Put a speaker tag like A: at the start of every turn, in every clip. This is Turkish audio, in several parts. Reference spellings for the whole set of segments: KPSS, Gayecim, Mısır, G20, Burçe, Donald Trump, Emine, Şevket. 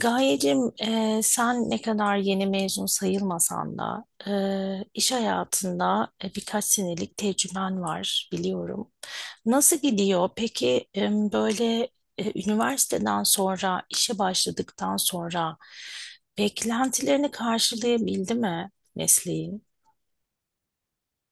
A: Gayecim, sen ne kadar yeni mezun sayılmasan da iş hayatında birkaç senelik tecrüben var biliyorum. Nasıl gidiyor? Peki, böyle üniversiteden sonra işe başladıktan sonra beklentilerini karşılayabildi mi mesleğin?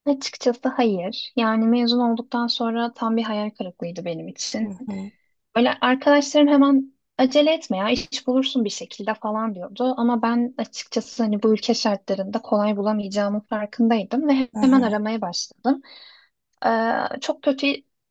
B: Açıkçası hayır. Yani mezun olduktan sonra tam bir hayal kırıklığıydı benim
A: Hı
B: için.
A: hı,
B: Böyle arkadaşlarım hemen acele etme ya iş bulursun bir şekilde falan diyordu. Ama ben açıkçası hani bu ülke şartlarında kolay bulamayacağımın farkındaydım ve
A: hı
B: hemen
A: hı,
B: aramaya başladım. Çok kötü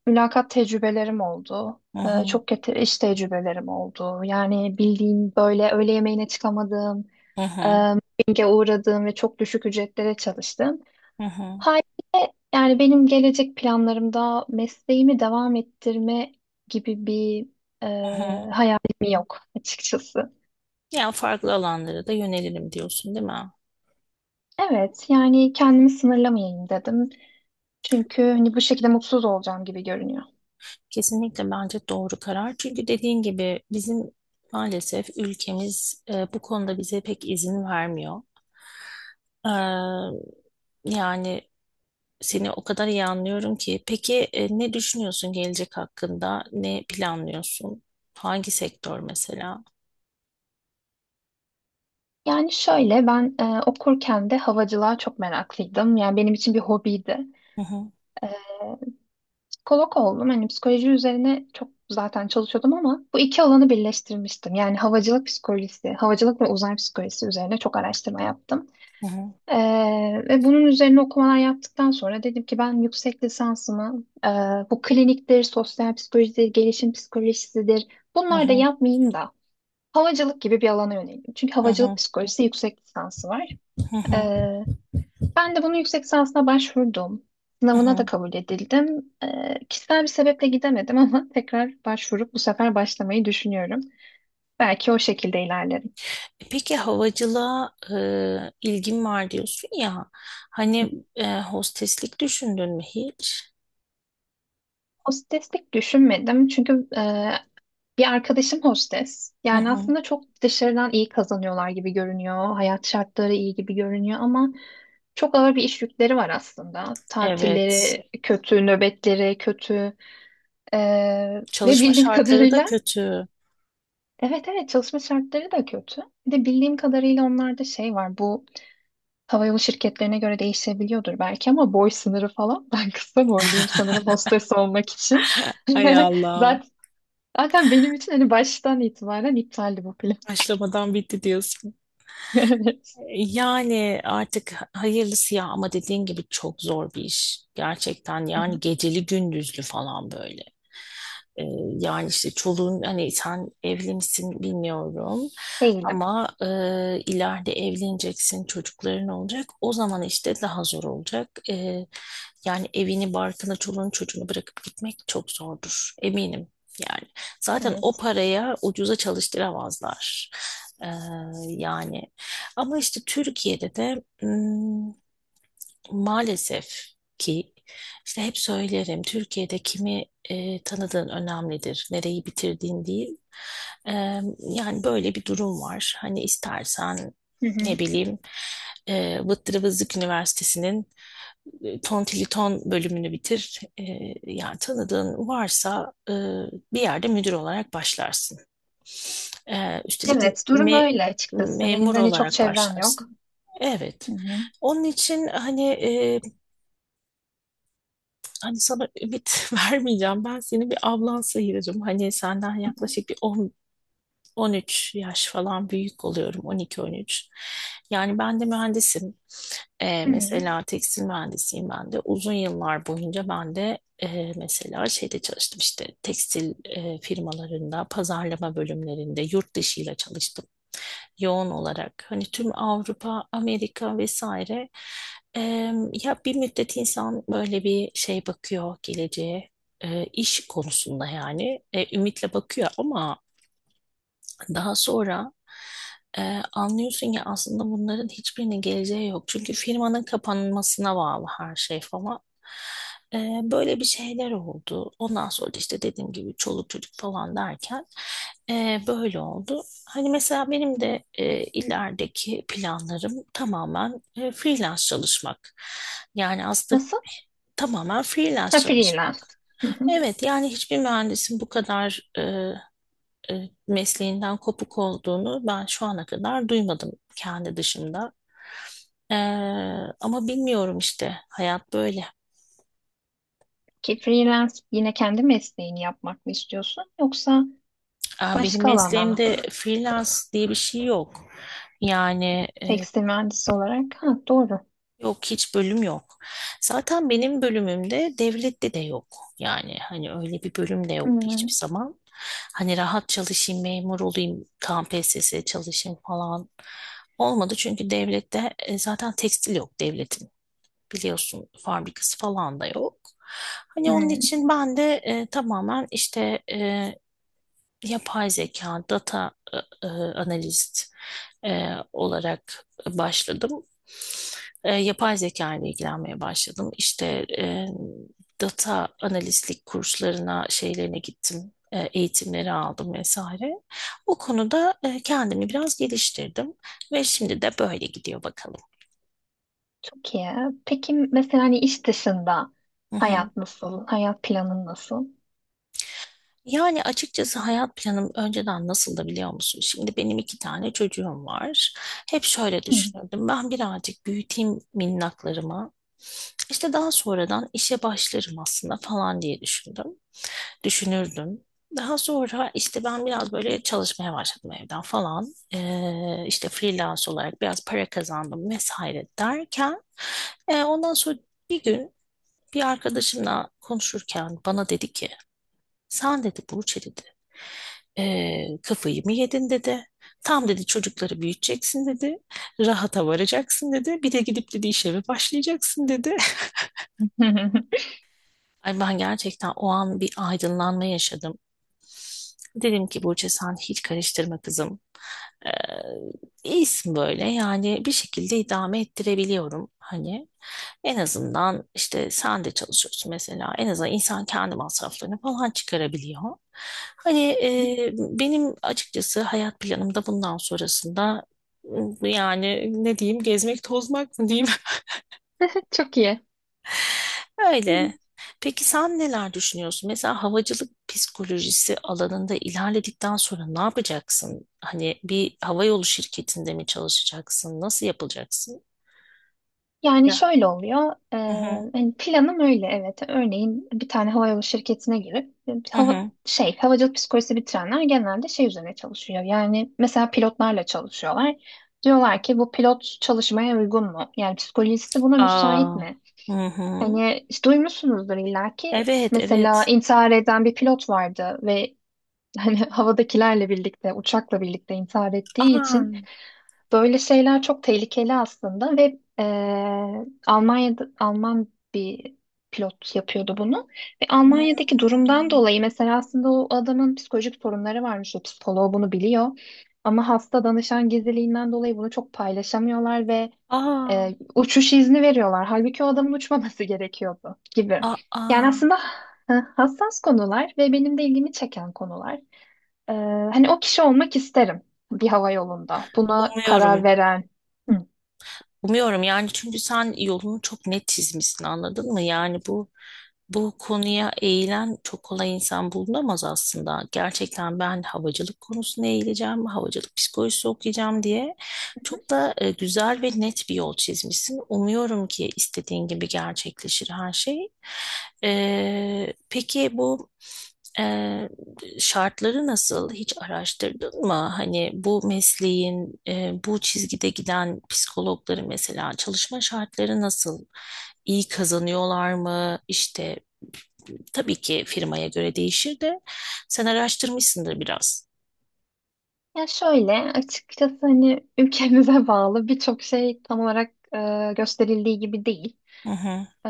B: mülakat tecrübelerim oldu.
A: hı hı,
B: Çok kötü iş tecrübelerim oldu. Yani bildiğim böyle öğle yemeğine çıkamadığım,
A: hı hı,
B: mobbinge uğradığım ve çok düşük ücretlere çalıştım.
A: hı hı,
B: Haliyle yani benim gelecek planlarımda mesleğimi devam ettirme gibi bir e,
A: hı hı.
B: hayalim yok açıkçası.
A: Yani farklı alanlara da yönelirim diyorsun, değil mi?
B: Evet yani kendimi sınırlamayayım dedim. Çünkü hani bu şekilde mutsuz olacağım gibi görünüyor.
A: Kesinlikle bence doğru karar. Çünkü dediğin gibi bizim maalesef ülkemiz bu konuda bize pek izin vermiyor. Ee, Yani seni o kadar iyi anlıyorum ki. Peki, ne düşünüyorsun gelecek hakkında? Ne planlıyorsun? Hangi sektör mesela?
B: Yani şöyle ben okurken de havacılığa çok meraklıydım. Yani benim için bir hobiydi.
A: Hı hı,
B: E, Psikolog oldum. Hani psikoloji üzerine çok zaten çalışıyordum ama bu iki alanı birleştirmiştim. Yani havacılık psikolojisi, havacılık ve uzay psikolojisi üzerine çok araştırma yaptım.
A: hı hı,
B: Ve bunun üzerine okumalar yaptıktan sonra dedim ki ben yüksek lisansımı bu kliniktir, sosyal psikolojidir, gelişim psikolojisidir
A: hı
B: bunlar da
A: hı,
B: yapmayayım da havacılık gibi bir alana yöneldim. Çünkü
A: hı
B: havacılık
A: hı,
B: psikolojisi yüksek lisansı var.
A: hı hı,
B: Ee, Ben de bunu yüksek lisansına başvurdum.
A: hı
B: Sınavına da
A: hı.
B: kabul edildim. Kişisel bir sebeple gidemedim ama tekrar başvurup bu sefer başlamayı düşünüyorum. Belki o şekilde ilerlerim.
A: Peki havacılığa ilgin var diyorsun ya. Hani, hosteslik düşündün mü hiç?
B: O streslik düşünmedim çünkü bir arkadaşım hostes.
A: Hı
B: Yani
A: hı.
B: aslında çok dışarıdan iyi kazanıyorlar gibi görünüyor. Hayat şartları iyi gibi görünüyor ama çok ağır bir iş yükleri var aslında.
A: Evet,
B: Tatilleri kötü, nöbetleri kötü. Ee, Ve
A: çalışma
B: bildiğim
A: şartları da
B: kadarıyla
A: kötü.
B: evet evet çalışma şartları da kötü. Bir de bildiğim kadarıyla onlarda şey var. Bu havayolu şirketlerine göre değişebiliyordur belki ama boy sınırı falan. Ben kısa boyluyum sanırım hostes olmak için.
A: Ay Allah'ım.
B: Zaten, zaten benim için hani baştan itibaren iptaldi bu plan.
A: Başlamadan bitti diyorsun. Yani artık hayırlısı ya, ama dediğin gibi çok zor bir iş. Gerçekten
B: Hı
A: yani
B: hı.
A: geceli gündüzlü falan böyle. Ee, Yani işte çoluğun, hani sen evli misin bilmiyorum.
B: Değilim.
A: Ama ileride evleneceksin, çocukların olacak. O zaman işte daha zor olacak. Yani evini, barkını, çoluğunu, çocuğunu bırakıp gitmek çok zordur. Eminim yani. Zaten o
B: Evet.
A: paraya ucuza çalıştıramazlar. E, Yani ama işte Türkiye'de de maalesef ki işte hep söylerim, Türkiye'de kimi tanıdığın önemlidir, nereyi bitirdiğin değil. E, Yani böyle bir durum var. Hani istersen
B: Hı
A: ne
B: hı.
A: bileyim, Vıttırı Vızlık Üniversitesi'nin Tantiliton bölümünü bitir. Yani tanıdığın varsa, bir yerde müdür olarak başlarsın. Üstelik
B: Evet, durum
A: me-
B: öyle açıkçası. Benim
A: memur
B: de hani çok
A: olarak
B: çevrem yok.
A: başlarsın.
B: Hı
A: Evet.
B: hı.
A: Onun için, hani sana ümit vermeyeceğim. Ben seni bir ablan sayırım. Hani senden yaklaşık bir 10, 13 yaş falan büyük oluyorum. 12-13. Yani ben de mühendisim.
B: Hı hı.
A: Mesela tekstil mühendisiyim ben de. Uzun yıllar boyunca ben de mesela şeyde çalıştım, işte tekstil firmalarında, pazarlama bölümlerinde, yurt dışıyla çalıştım yoğun olarak. Hani tüm Avrupa, Amerika vesaire. Eee, Ya bir müddet insan böyle bir şey bakıyor geleceğe. İş konusunda yani ümitle bakıyor, ama daha sonra anlıyorsun ki aslında bunların hiçbirinin geleceği yok. Çünkü firmanın kapanmasına bağlı her şey falan. E, Böyle bir şeyler oldu. Ondan sonra da işte dediğim gibi çoluk çocuk falan derken, böyle oldu. Hani mesela benim de ilerideki planlarım tamamen freelance çalışmak. Yani aslında
B: Nasıl?
A: tamamen freelance
B: Ha, freelance.
A: çalışmak.
B: Hı hı.
A: Evet, yani hiçbir mühendisin bu kadar mesleğinden kopuk olduğunu ben şu ana kadar duymadım kendi dışımda. Ee, Ama bilmiyorum, işte hayat böyle.
B: Ki freelance yine kendi mesleğini yapmak mı istiyorsun yoksa
A: Aa, benim
B: başka alana mı?
A: mesleğimde freelance diye bir şey yok. Yani
B: Tekstil mühendisi olarak. Ha, doğru.
A: yok, hiç bölüm yok. Zaten benim bölümümde devlette de yok. Yani hani öyle bir bölüm de
B: Hı
A: yoktu
B: hı.
A: hiçbir zaman. Hani rahat çalışayım, memur olayım, tam KPSS çalışayım falan, olmadı. Çünkü devlette zaten tekstil yok devletin, biliyorsun, fabrikası falan da yok. Hani onun
B: Hı.
A: için ben de tamamen işte yapay zeka, data analist olarak başladım. Yapay zeka ile ilgilenmeye başladım. İşte, e, data analistlik kurslarına, şeylerine gittim. Eğitimleri aldım vesaire. O konuda kendimi biraz geliştirdim ve şimdi de böyle gidiyor bakalım.
B: Çok iyi. Peki mesela hani iş dışında
A: Hı hı.
B: hayat nasıl? Hayat planın nasıl?
A: Yani açıkçası hayat planım önceden nasıldı biliyor musun? Şimdi benim iki tane çocuğum var. Hep şöyle
B: Hı.
A: düşünürdüm. Ben birazcık büyüteyim minnaklarımı. İşte daha sonradan işe başlarım aslında falan diye düşündüm. Düşünürdüm. Daha sonra işte ben biraz böyle çalışmaya başladım evden falan. İşte freelance olarak biraz para kazandım vesaire derken, ondan sonra bir gün bir arkadaşımla konuşurken bana dedi ki, sen dedi Burçe dedi. Kafayı mı yedin dedi. Tam dedi çocukları büyüteceksin dedi. Rahata varacaksın dedi. Bir de gidip dedi işe eve başlayacaksın dedi. Ay, ben gerçekten o an bir aydınlanma yaşadım. Dedim ki Burçe, sen hiç karıştırma kızım. Ee, iyisin böyle, yani bir şekilde idame ettirebiliyorum hani. En azından işte sen de çalışıyorsun mesela. En azından insan kendi masraflarını falan çıkarabiliyor. Hani benim açıkçası hayat planımda bundan sonrasında, yani ne diyeyim, gezmek tozmak mı diyeyim?
B: Çok iyi.
A: Öyle. Peki sen neler düşünüyorsun? Mesela havacılık psikolojisi alanında ilerledikten sonra ne yapacaksın? Hani bir havayolu şirketinde mi çalışacaksın? Nasıl yapılacaksın?
B: Yani
A: Ya.
B: şöyle oluyor.
A: Hı hı.
B: Hani planım öyle evet. Örneğin bir tane havayolu şirketine girip
A: Hı hı.
B: havacılık psikolojisi bitirenler genelde şey üzerine çalışıyor. Yani mesela pilotlarla çalışıyorlar. Diyorlar ki bu pilot çalışmaya uygun mu? Yani psikolojisi buna müsait
A: Aa.
B: mi?
A: Hı hı.
B: Hani işte duymuşsunuzdur illaki.
A: Evet,
B: Mesela
A: evet.
B: intihar eden bir pilot vardı ve hani havadakilerle birlikte, uçakla birlikte intihar ettiği
A: Aa.
B: için böyle şeyler çok tehlikeli aslında ve Almanya'da Alman bir pilot yapıyordu bunu. Ve Almanya'daki durumdan
A: Hmm.
B: dolayı mesela aslında o adamın psikolojik sorunları varmış. O psikoloğu bunu biliyor. Ama hasta danışan gizliliğinden dolayı bunu çok paylaşamıyorlar ve
A: Aa.
B: uçuş izni veriyorlar. Halbuki o adamın uçmaması gerekiyordu gibi. Yani
A: Aa.
B: aslında hassas konular ve benim de ilgimi çeken konular. Ee, Hani o kişi olmak isterim bir hava yolunda. Buna karar
A: Umuyorum.
B: veren. Hı. Hı
A: Umuyorum yani, çünkü sen yolunu çok net çizmişsin, anladın mı? Yani bu konuya eğilen çok kolay insan bulunamaz aslında. Gerçekten, ben havacılık konusuna eğileceğim, havacılık psikolojisi okuyacağım diye
B: hı.
A: çok da güzel ve net bir yol çizmişsin. Umuyorum ki istediğin gibi gerçekleşir her şey. Peki bu şartları nasıl, hiç araştırdın mı? Hani bu mesleğin, bu çizgide giden psikologları, mesela çalışma şartları nasıl? İyi kazanıyorlar mı? İşte tabii ki firmaya göre değişir de sen araştırmışsındır biraz.
B: Ya şöyle açıkçası hani ülkemize bağlı birçok şey tam olarak gösterildiği gibi değil.
A: Hı hı,
B: Ee,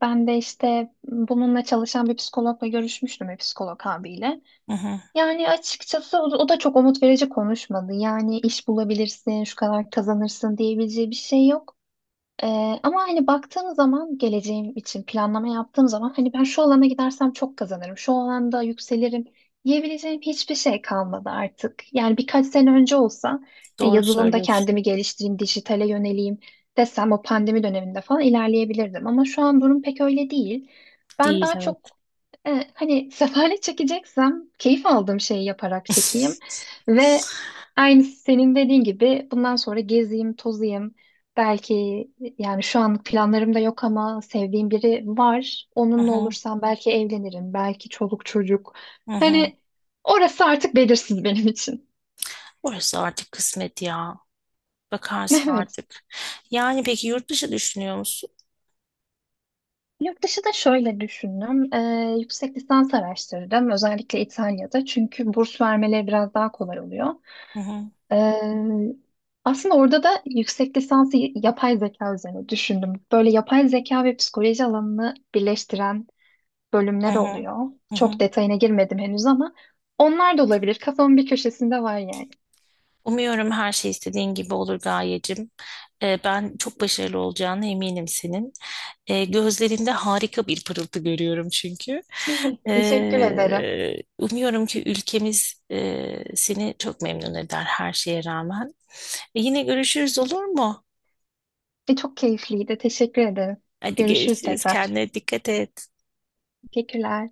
B: Ben de işte bununla çalışan bir psikologla görüşmüştüm bir psikolog abiyle.
A: hı hı.
B: Yani açıkçası o da çok umut verici konuşmadı. Yani iş bulabilirsin, şu kadar kazanırsın diyebileceği bir şey yok. Ee, Ama hani baktığım zaman geleceğim için planlama yaptığım zaman hani ben şu alana gidersem çok kazanırım, şu alanda yükselirim diyebileceğim hiçbir şey kalmadı artık. Yani birkaç sene önce olsa
A: Doğru
B: yazılımda
A: söylüyorsun.
B: kendimi geliştireyim, dijitale yöneleyim desem o pandemi döneminde falan ilerleyebilirdim. Ama şu an durum pek öyle değil. Ben
A: Değil,
B: daha
A: evet.
B: çok hani sefalet çekeceksem keyif aldığım şeyi yaparak çekeyim ve aynı senin dediğin gibi bundan sonra gezeyim, tozayım. Belki yani şu an planlarım da yok ama sevdiğim biri var.
A: Hı
B: Onunla
A: hı,
B: olursam belki evlenirim, belki çoluk çocuk.
A: hı hı.
B: Hani orası artık belirsiz benim için.
A: Orası artık kısmet ya. Bakarsın
B: Evet.
A: artık. Yani peki, yurt dışı düşünüyor musun?
B: Yurt dışı da şöyle düşündüm. Yüksek lisans araştırdım. Özellikle İtalya'da. Çünkü burs vermeleri biraz daha kolay oluyor.
A: Hı hı,
B: Ee, Aslında orada da yüksek lisansı yapay zeka üzerine düşündüm. Böyle yapay zeka ve psikoloji alanını birleştiren
A: hı
B: bölümler
A: hı,
B: oluyor.
A: hı
B: Çok
A: hı.
B: detayına girmedim henüz ama onlar da olabilir. Kafamın bir köşesinde var yani.
A: Umuyorum her şey istediğin gibi olur Gayecim. Ben çok başarılı olacağına eminim senin. Gözlerinde harika bir pırıltı görüyorum çünkü.
B: Teşekkür ederim.
A: Umuyorum ki ülkemiz, seni çok memnun eder her şeye rağmen. Yine görüşürüz, olur mu?
B: E, çok keyifliydi. Teşekkür ederim.
A: Hadi
B: Görüşürüz
A: görüşürüz.
B: tekrar.
A: Kendine dikkat et.
B: Teşekkürler.